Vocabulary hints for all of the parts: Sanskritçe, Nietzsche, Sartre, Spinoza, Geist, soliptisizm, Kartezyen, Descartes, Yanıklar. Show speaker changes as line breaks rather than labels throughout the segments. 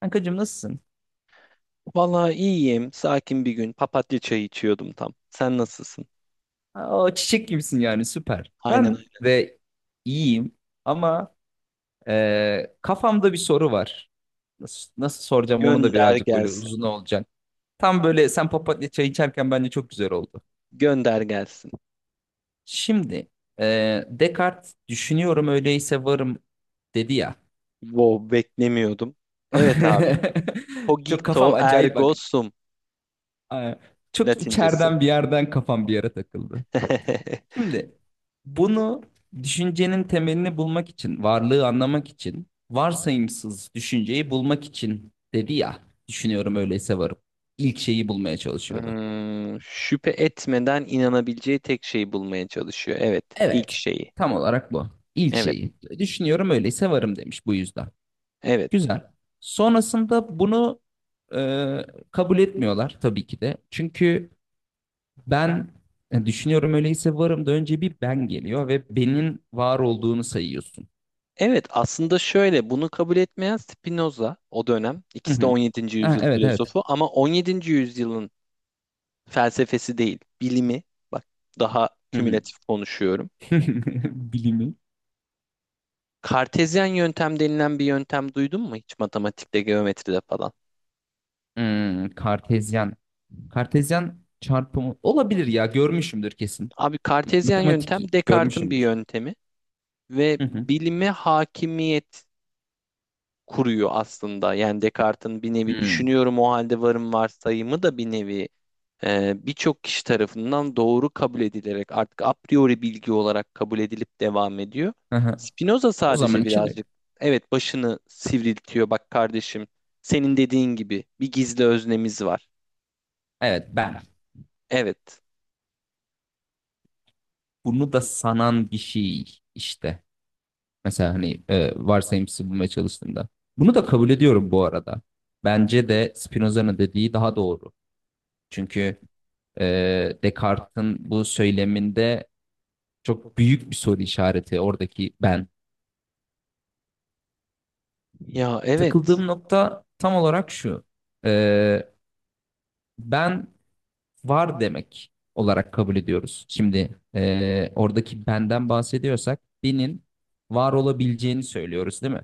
Kankacığım nasılsın?
Vallahi iyiyim. Sakin bir gün. Papatya çayı içiyordum tam. Sen nasılsın?
Aa, çiçek gibisin yani süper.
Aynen
Ben
öyle.
de iyiyim ama kafamda bir soru var. Nasıl soracağım onu da
Gönder
birazcık böyle
gelsin.
uzun olacak. Tam böyle sen papatya çay içerken bence çok güzel oldu.
Gönder gelsin.
Şimdi Descartes düşünüyorum öyleyse varım dedi ya.
Wow, beklemiyordum. Evet abi.
Çok kafam
Cogito
acayip bak.
ergo sum
Aa, çok
Latincesi.
içeriden bir yerden kafam bir yere takıldı. Şimdi bunu düşüncenin temelini bulmak için, varlığı anlamak için, varsayımsız düşünceyi bulmak için dedi ya, düşünüyorum öyleyse varım. İlk şeyi bulmaya çalışıyordu.
Hmm, şüphe etmeden inanabileceği tek şeyi bulmaya çalışıyor. Evet, ilk
Evet,
şeyi.
tam olarak bu. İlk
Evet,
şeyi. Düşünüyorum öyleyse varım demiş bu yüzden.
evet.
Güzel. Sonrasında bunu e, kabul etmiyorlar tabii ki de. Çünkü ben düşünüyorum öyleyse varım da önce bir ben geliyor ve benim var olduğunu sayıyorsun.
Evet, aslında şöyle bunu kabul etmeyen Spinoza o dönem.
Hı
İkisi de
hı.
17.
Ha,
yüzyıl
evet evet.
filozofu ama 17. yüzyılın felsefesi değil, bilimi. Bak daha
Hı hı.
kümülatif konuşuyorum.
Bilimi.
Kartezyen yöntem denilen bir yöntem duydun mu hiç matematikte, geometride falan?
Hmm, Kartezyen. Kartezyen çarpımı olabilir ya görmüşümdür kesin.
Abi kartezyen
Matematik
yöntem Descartes'in bir
görmüşümdür.
yöntemi ve
Hı hı.
bilime hakimiyet kuruyor aslında. Yani Descartes'in bir nevi
Hmm.
düşünüyorum o halde varım varsayımı da bir nevi birçok kişi tarafından doğru kabul edilerek artık a priori bilgi olarak kabul edilip devam ediyor.
Hı hı.
Spinoza
O
sadece
zaman için öyle.
birazcık evet başını sivriltiyor. Bak kardeşim senin dediğin gibi bir gizli öznemiz var.
Evet ben
Evet.
bunu da sanan bir şey işte. Mesela hani e, varsayımsız bulmaya çalıştığımda. Bunu da kabul ediyorum bu arada. Bence de Spinoza'nın dediği daha doğru. Çünkü e, Descartes'in bu söyleminde çok büyük bir soru işareti oradaki ben.
Ya evet.
Takıldığım nokta tam olarak şu. Ee, ben var demek olarak kabul ediyoruz. Şimdi oradaki benden bahsediyorsak benim var olabileceğini söylüyoruz değil mi?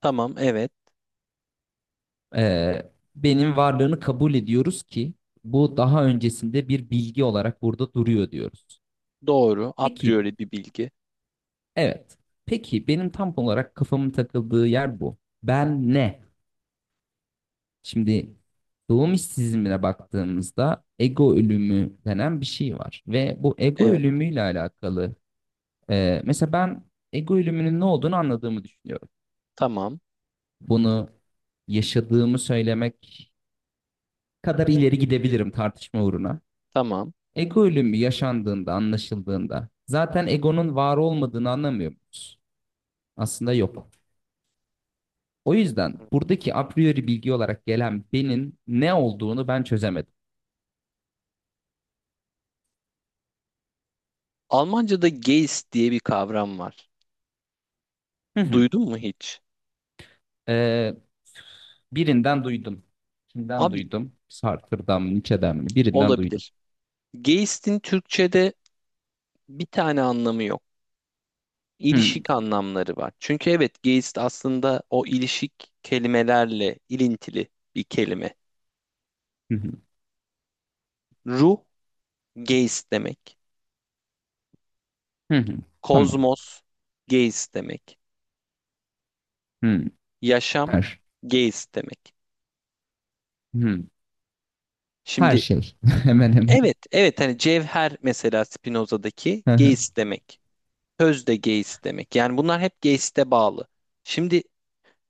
Tamam evet.
Benim varlığını kabul ediyoruz ki bu daha öncesinde bir bilgi olarak burada duruyor diyoruz.
Doğru. A
Peki
priori bir bilgi.
evet. Peki benim tam olarak kafamın takıldığı yer bu. Ben ne? Şimdi doğum işsizliğine baktığımızda ego ölümü denen bir şey var. Ve bu ego
Evet.
ölümüyle alakalı e, mesela ben ego ölümünün ne olduğunu anladığımı düşünüyorum.
Tamam.
Bunu yaşadığımı söylemek kadar ileri gidebilirim tartışma uğruna.
Tamam.
Ego ölümü yaşandığında, anlaşıldığında zaten egonun var olmadığını anlamıyor muyuz? Aslında yok. O yüzden buradaki a priori bilgi olarak gelen benim ne olduğunu ben çözemedim.
Almanca'da Geist diye bir kavram var.
Hı hı.
Duydun mu hiç?
Ee, birinden duydum. Kimden
Abi
duydum? Sartre'dan mı, Nietzsche'den mi? Birinden duydum.
olabilir. Geist'in Türkçe'de bir tane anlamı yok.
Hmm.
İlişik anlamları var. Çünkü evet Geist aslında o ilişik kelimelerle ilintili bir kelime.
Hı hı.
Ruh Geist demek.
Hı hı. Tamam.
Kozmos Geist demek.
Hmm.
Yaşam
Her.
Geist demek.
Hmm. Her
Şimdi
şey. Hemen hemen.
evet evet hani cevher mesela Spinoza'daki
Hı hı.
Geist demek. Sözde geist demek. Yani bunlar hep geiste bağlı. Şimdi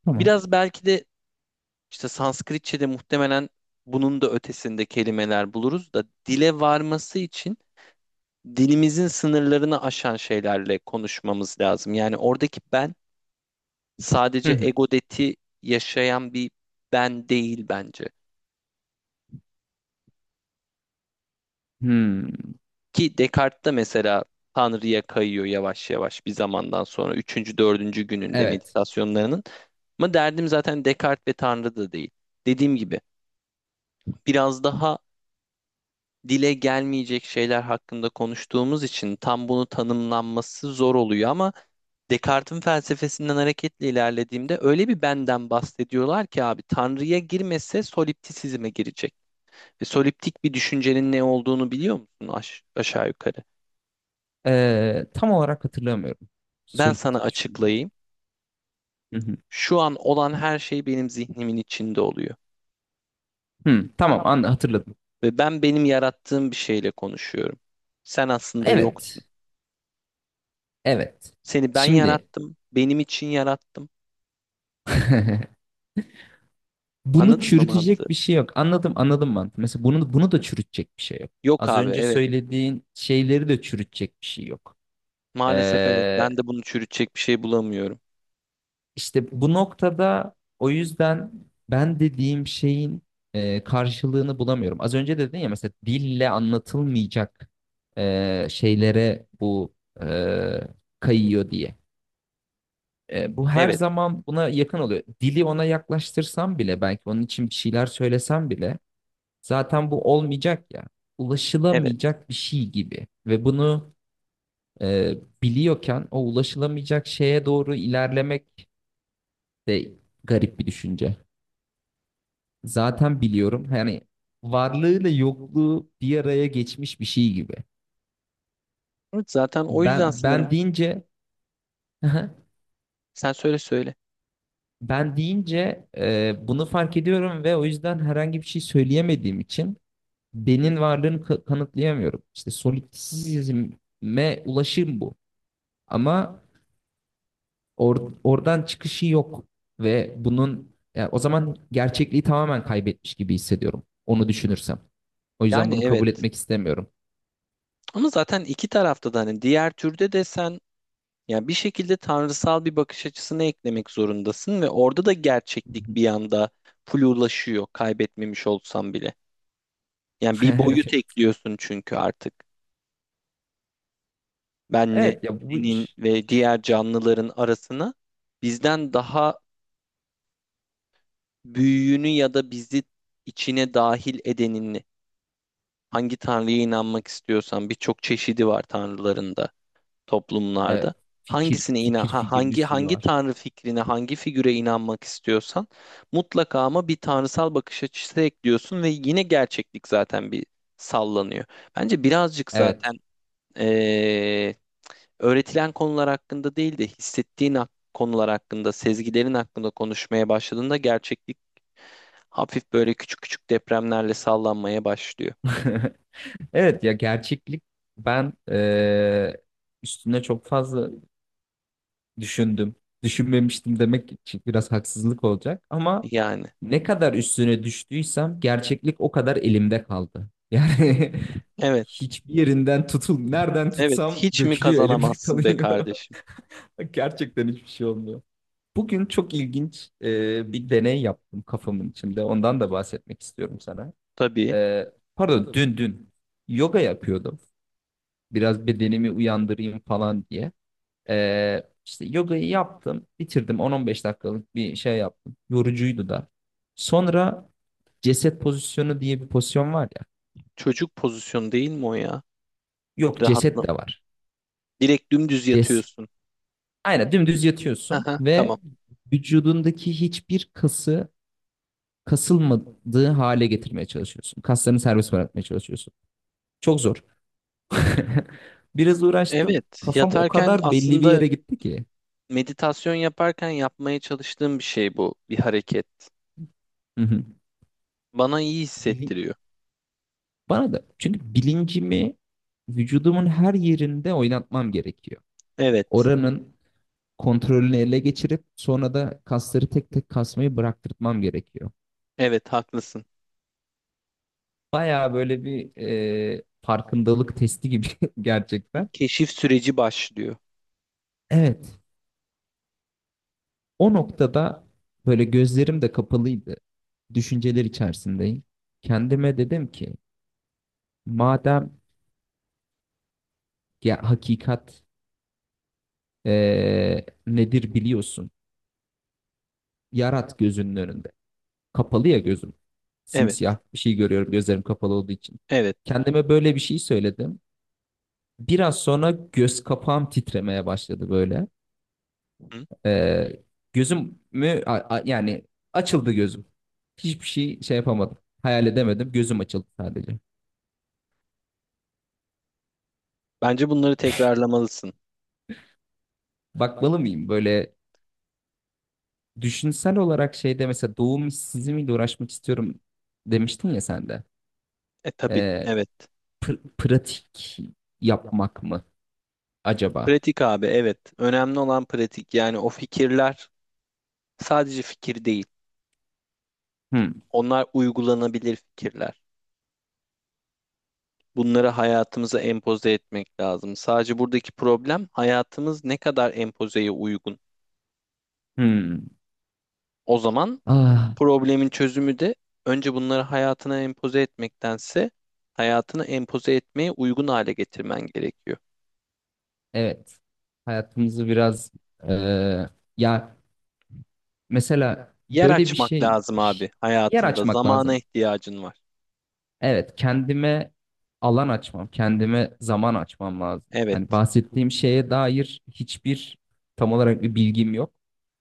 Tamam.
biraz belki de işte Sanskritçe'de muhtemelen bunun da ötesinde kelimeler buluruz da dile varması için dilimizin sınırlarını aşan şeylerle konuşmamız lazım. Yani oradaki ben
Hı
sadece
hı.
egodeti yaşayan bir ben değil bence.
Hmm.
Ki Descartes de mesela Tanrı'ya kayıyor yavaş yavaş bir zamandan sonra. Üçüncü, dördüncü gününde
Evet.
meditasyonlarının. Ama derdim zaten Descartes ve Tanrı da değil. Dediğim gibi biraz daha dile gelmeyecek şeyler hakkında konuştuğumuz için tam bunu tanımlanması zor oluyor ama Descartes'in felsefesinden hareketle ilerlediğimde öyle bir benden bahsediyorlar ki abi Tanrı'ya girmese soliptisizme girecek. Ve soliptik bir düşüncenin ne olduğunu biliyor musun aşağı yukarı?
Tam olarak hatırlamıyorum.
Ben
Solid
sana
düşünüyorum.
açıklayayım.
Hı hı.
Şu an olan her şey benim zihnimin içinde oluyor.
Hmm. Tamam, an hatırladım.
Ve ben benim yarattığım bir şeyle konuşuyorum. Sen aslında yoksun.
Evet. Evet.
Seni ben
Şimdi,
yarattım, benim için yarattım.
bunu
Anladın mı mantığı?
çürütecek bir şey yok. Anladım, anladım mantığı. Mesela bunu da çürütecek bir şey yok.
Yok
Az
abi,
önce
evet.
söylediğin şeyleri de çürütecek bir şey yok.
Maalesef evet.
Ee,
Ben de bunu çürütecek bir şey bulamıyorum.
işte bu noktada o yüzden ben dediğim şeyin karşılığını bulamıyorum. Az önce dedin ya, mesela dille anlatılmayacak şeylere bu e, kayıyor diye. Bu her
Evet,
zaman buna yakın oluyor. Dili ona yaklaştırsam bile, belki onun için bir şeyler söylesem bile zaten bu olmayacak ya.
evet.
Ulaşılamayacak bir şey gibi. Ve bunu e, biliyorken o ulaşılamayacak şeye doğru ilerlemek de garip bir düşünce. Zaten biliyorum. Yani varlığıyla yokluğu bir araya geçmiş bir şey gibi.
Evet, zaten o yüzden
Ben
sanırım.
ben deyince
Sen söyle söyle.
ben deyince bunu fark ediyorum ve o yüzden herhangi bir şey söyleyemediğim için benim varlığını kanıtlayamıyorum. İşte solipsizme ulaşım bu. Ama oradan çıkışı yok ve bunun, ya o zaman gerçekliği tamamen kaybetmiş gibi hissediyorum. Onu düşünürsem. O yüzden bunu
Yani
kabul
evet.
etmek istemiyorum.
Ama zaten iki tarafta da hani diğer türde de sen, yani bir şekilde tanrısal bir bakış açısını eklemek zorundasın ve orada da gerçeklik bir yanda flulaşıyor kaybetmemiş olsam bile. Yani bir boyut
Evet,
ekliyorsun çünkü artık. Benle
evet ya,
senin ve diğer canlıların arasına bizden daha büyüğünü ya da bizi içine dahil edenini hangi tanrıya inanmak istiyorsan birçok çeşidi var tanrıların da
evet,
toplumlarda.
fikir
Hangisine inan
fikir
ha,
fikir bir
hangi
sürü
hangi
var.
tanrı fikrine, hangi figüre inanmak istiyorsan mutlaka ama bir tanrısal bakış açısı ekliyorsun ve yine gerçeklik zaten bir sallanıyor. Bence birazcık zaten
Evet.
eee, öğretilen konular hakkında değil de hissettiğin konular hakkında, sezgilerin hakkında konuşmaya başladığında gerçeklik hafif böyle küçük küçük depremlerle sallanmaya başlıyor.
Evet ya, gerçeklik, ben üstüne çok fazla düşündüm. Düşünmemiştim demek için biraz haksızlık olacak ama
Yani
ne kadar üstüne düştüysem gerçeklik o kadar elimde kaldı. Yani
evet,
hiçbir yerinden nereden
evet
tutsam
hiç mi
dökülüyor, elimde
kazanamazsın be
kalıyor.
kardeşim?
Gerçekten hiçbir şey olmuyor. Bugün çok ilginç bir deney yaptım kafamın içinde. Ondan da bahsetmek istiyorum sana.
Tabii.
E, Pardon, dün yoga yapıyordum. Biraz bedenimi uyandırayım falan diye. İşte yogayı yaptım, bitirdim. 10-15 dakikalık bir şey yaptım. Yorucuydu da. Sonra ceset pozisyonu diye bir pozisyon var ya.
Çocuk pozisyonu değil mi o ya?
Yok, ceset
Rahatla.
de var.
Direkt dümdüz
Ces
yatıyorsun.
Aynen dümdüz yatıyorsun
Aha, tamam.
ve vücudundaki hiçbir kası kasılmadığı hale getirmeye çalışıyorsun. Kaslarını serbest bırakmaya çalışıyorsun. Çok zor. Biraz uğraştım.
Evet,
Kafam o
yatarken
kadar belli bir
aslında
yere gitti ki.
meditasyon yaparken yapmaya çalıştığım bir şey bu. Bir hareket.
Hı hı.
Bana iyi
Bili-
hissettiriyor.
Bana da, çünkü bilincimi vücudumun her yerinde oynatmam gerekiyor.
Evet.
Oranın kontrolünü ele geçirip sonra da kasları tek tek kasmayı bıraktırtmam gerekiyor.
Evet, haklısın.
Baya böyle bir farkındalık testi gibi
Bir
gerçekten.
keşif süreci başlıyor.
Evet. O noktada böyle gözlerim de kapalıydı. Düşünceler içerisindeyim. Kendime dedim ki madem, ya hakikat nedir biliyorsun. Yarat gözünün önünde. Kapalı ya gözüm.
Evet.
Simsiyah bir şey görüyorum gözlerim kapalı olduğu için.
Evet.
Kendime böyle bir şey söyledim. Biraz sonra göz kapağım titremeye başladı böyle.
Hı?
Eee Gözümü yani açıldı gözüm. Hiçbir şey yapamadım. Hayal edemedim. Gözüm açıldı sadece.
Bence bunları tekrarlamalısın.
Bakmalı mıyım? Böyle düşünsel olarak şeyde, mesela doğum işsizliğiyle uğraşmak istiyorum demiştin ya sen de.
E tabii.
Ee,
Evet.
pratik yapmak mı acaba?
Pratik abi, evet. Önemli olan pratik. Yani o fikirler sadece fikir değil.
Hmm.
Onlar uygulanabilir fikirler. Bunları hayatımıza empoze etmek lazım. Sadece buradaki problem hayatımız ne kadar empozeye uygun.
Hmm.
O zaman
Ah,
problemin çözümü de önce bunları hayatına empoze etmektense hayatını empoze etmeye uygun hale getirmen gerekiyor.
evet. Hayatımızı biraz eee, ya mesela
Yer
böyle bir
açmak
şey,
lazım abi
yer
hayatında.
açmak
Zamana
lazım.
ihtiyacın var.
Evet, kendime alan açmam, kendime zaman açmam lazım.
Evet,
Yani bahsettiğim şeye dair hiçbir, tam olarak bir bilgim yok.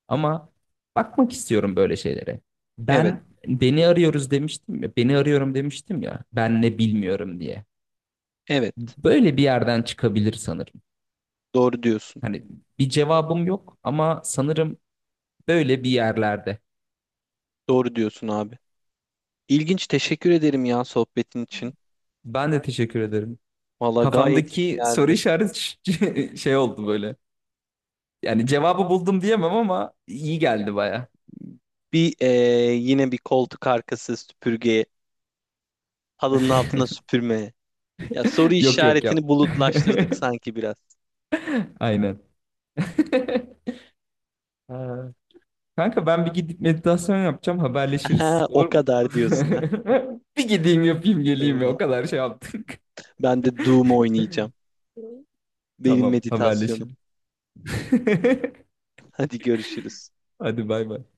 Ama bakmak istiyorum böyle şeylere.
evet,
Ben beni arıyoruz demiştim ya, beni arıyorum demiştim ya, ben ne bilmiyorum diye.
evet.
Böyle bir yerden çıkabilir sanırım.
Doğru diyorsun.
Hani bir cevabım yok ama sanırım böyle bir yerlerde.
Doğru diyorsun abi. İlginç. Teşekkür ederim ya sohbetin için.
Ben de teşekkür ederim.
Valla gayet iyi
Kafamdaki soru
geldi.
işareti şey oldu böyle. Yani cevabı buldum diyemem ama iyi geldi baya.
Bir yine bir koltuk arkası süpürgeye halının altına süpürmeye. Ya soru
Yok yok yap.
işaretini bulutlaştırdık sanki biraz.
Aynen. Ha. Kanka, ben bir gidip meditasyon yapacağım, haberleşiriz.
Aha,
Olur
o
mu?
kadar diyorsun ha.
Bir gideyim yapayım
Tamam
geleyim ya, o
abi.
kadar şey yaptık.
Ben de Doom oynayacağım. Benim
Tamam,
meditasyonum.
haberleşelim.
Hadi görüşürüz.
Hadi bay bay.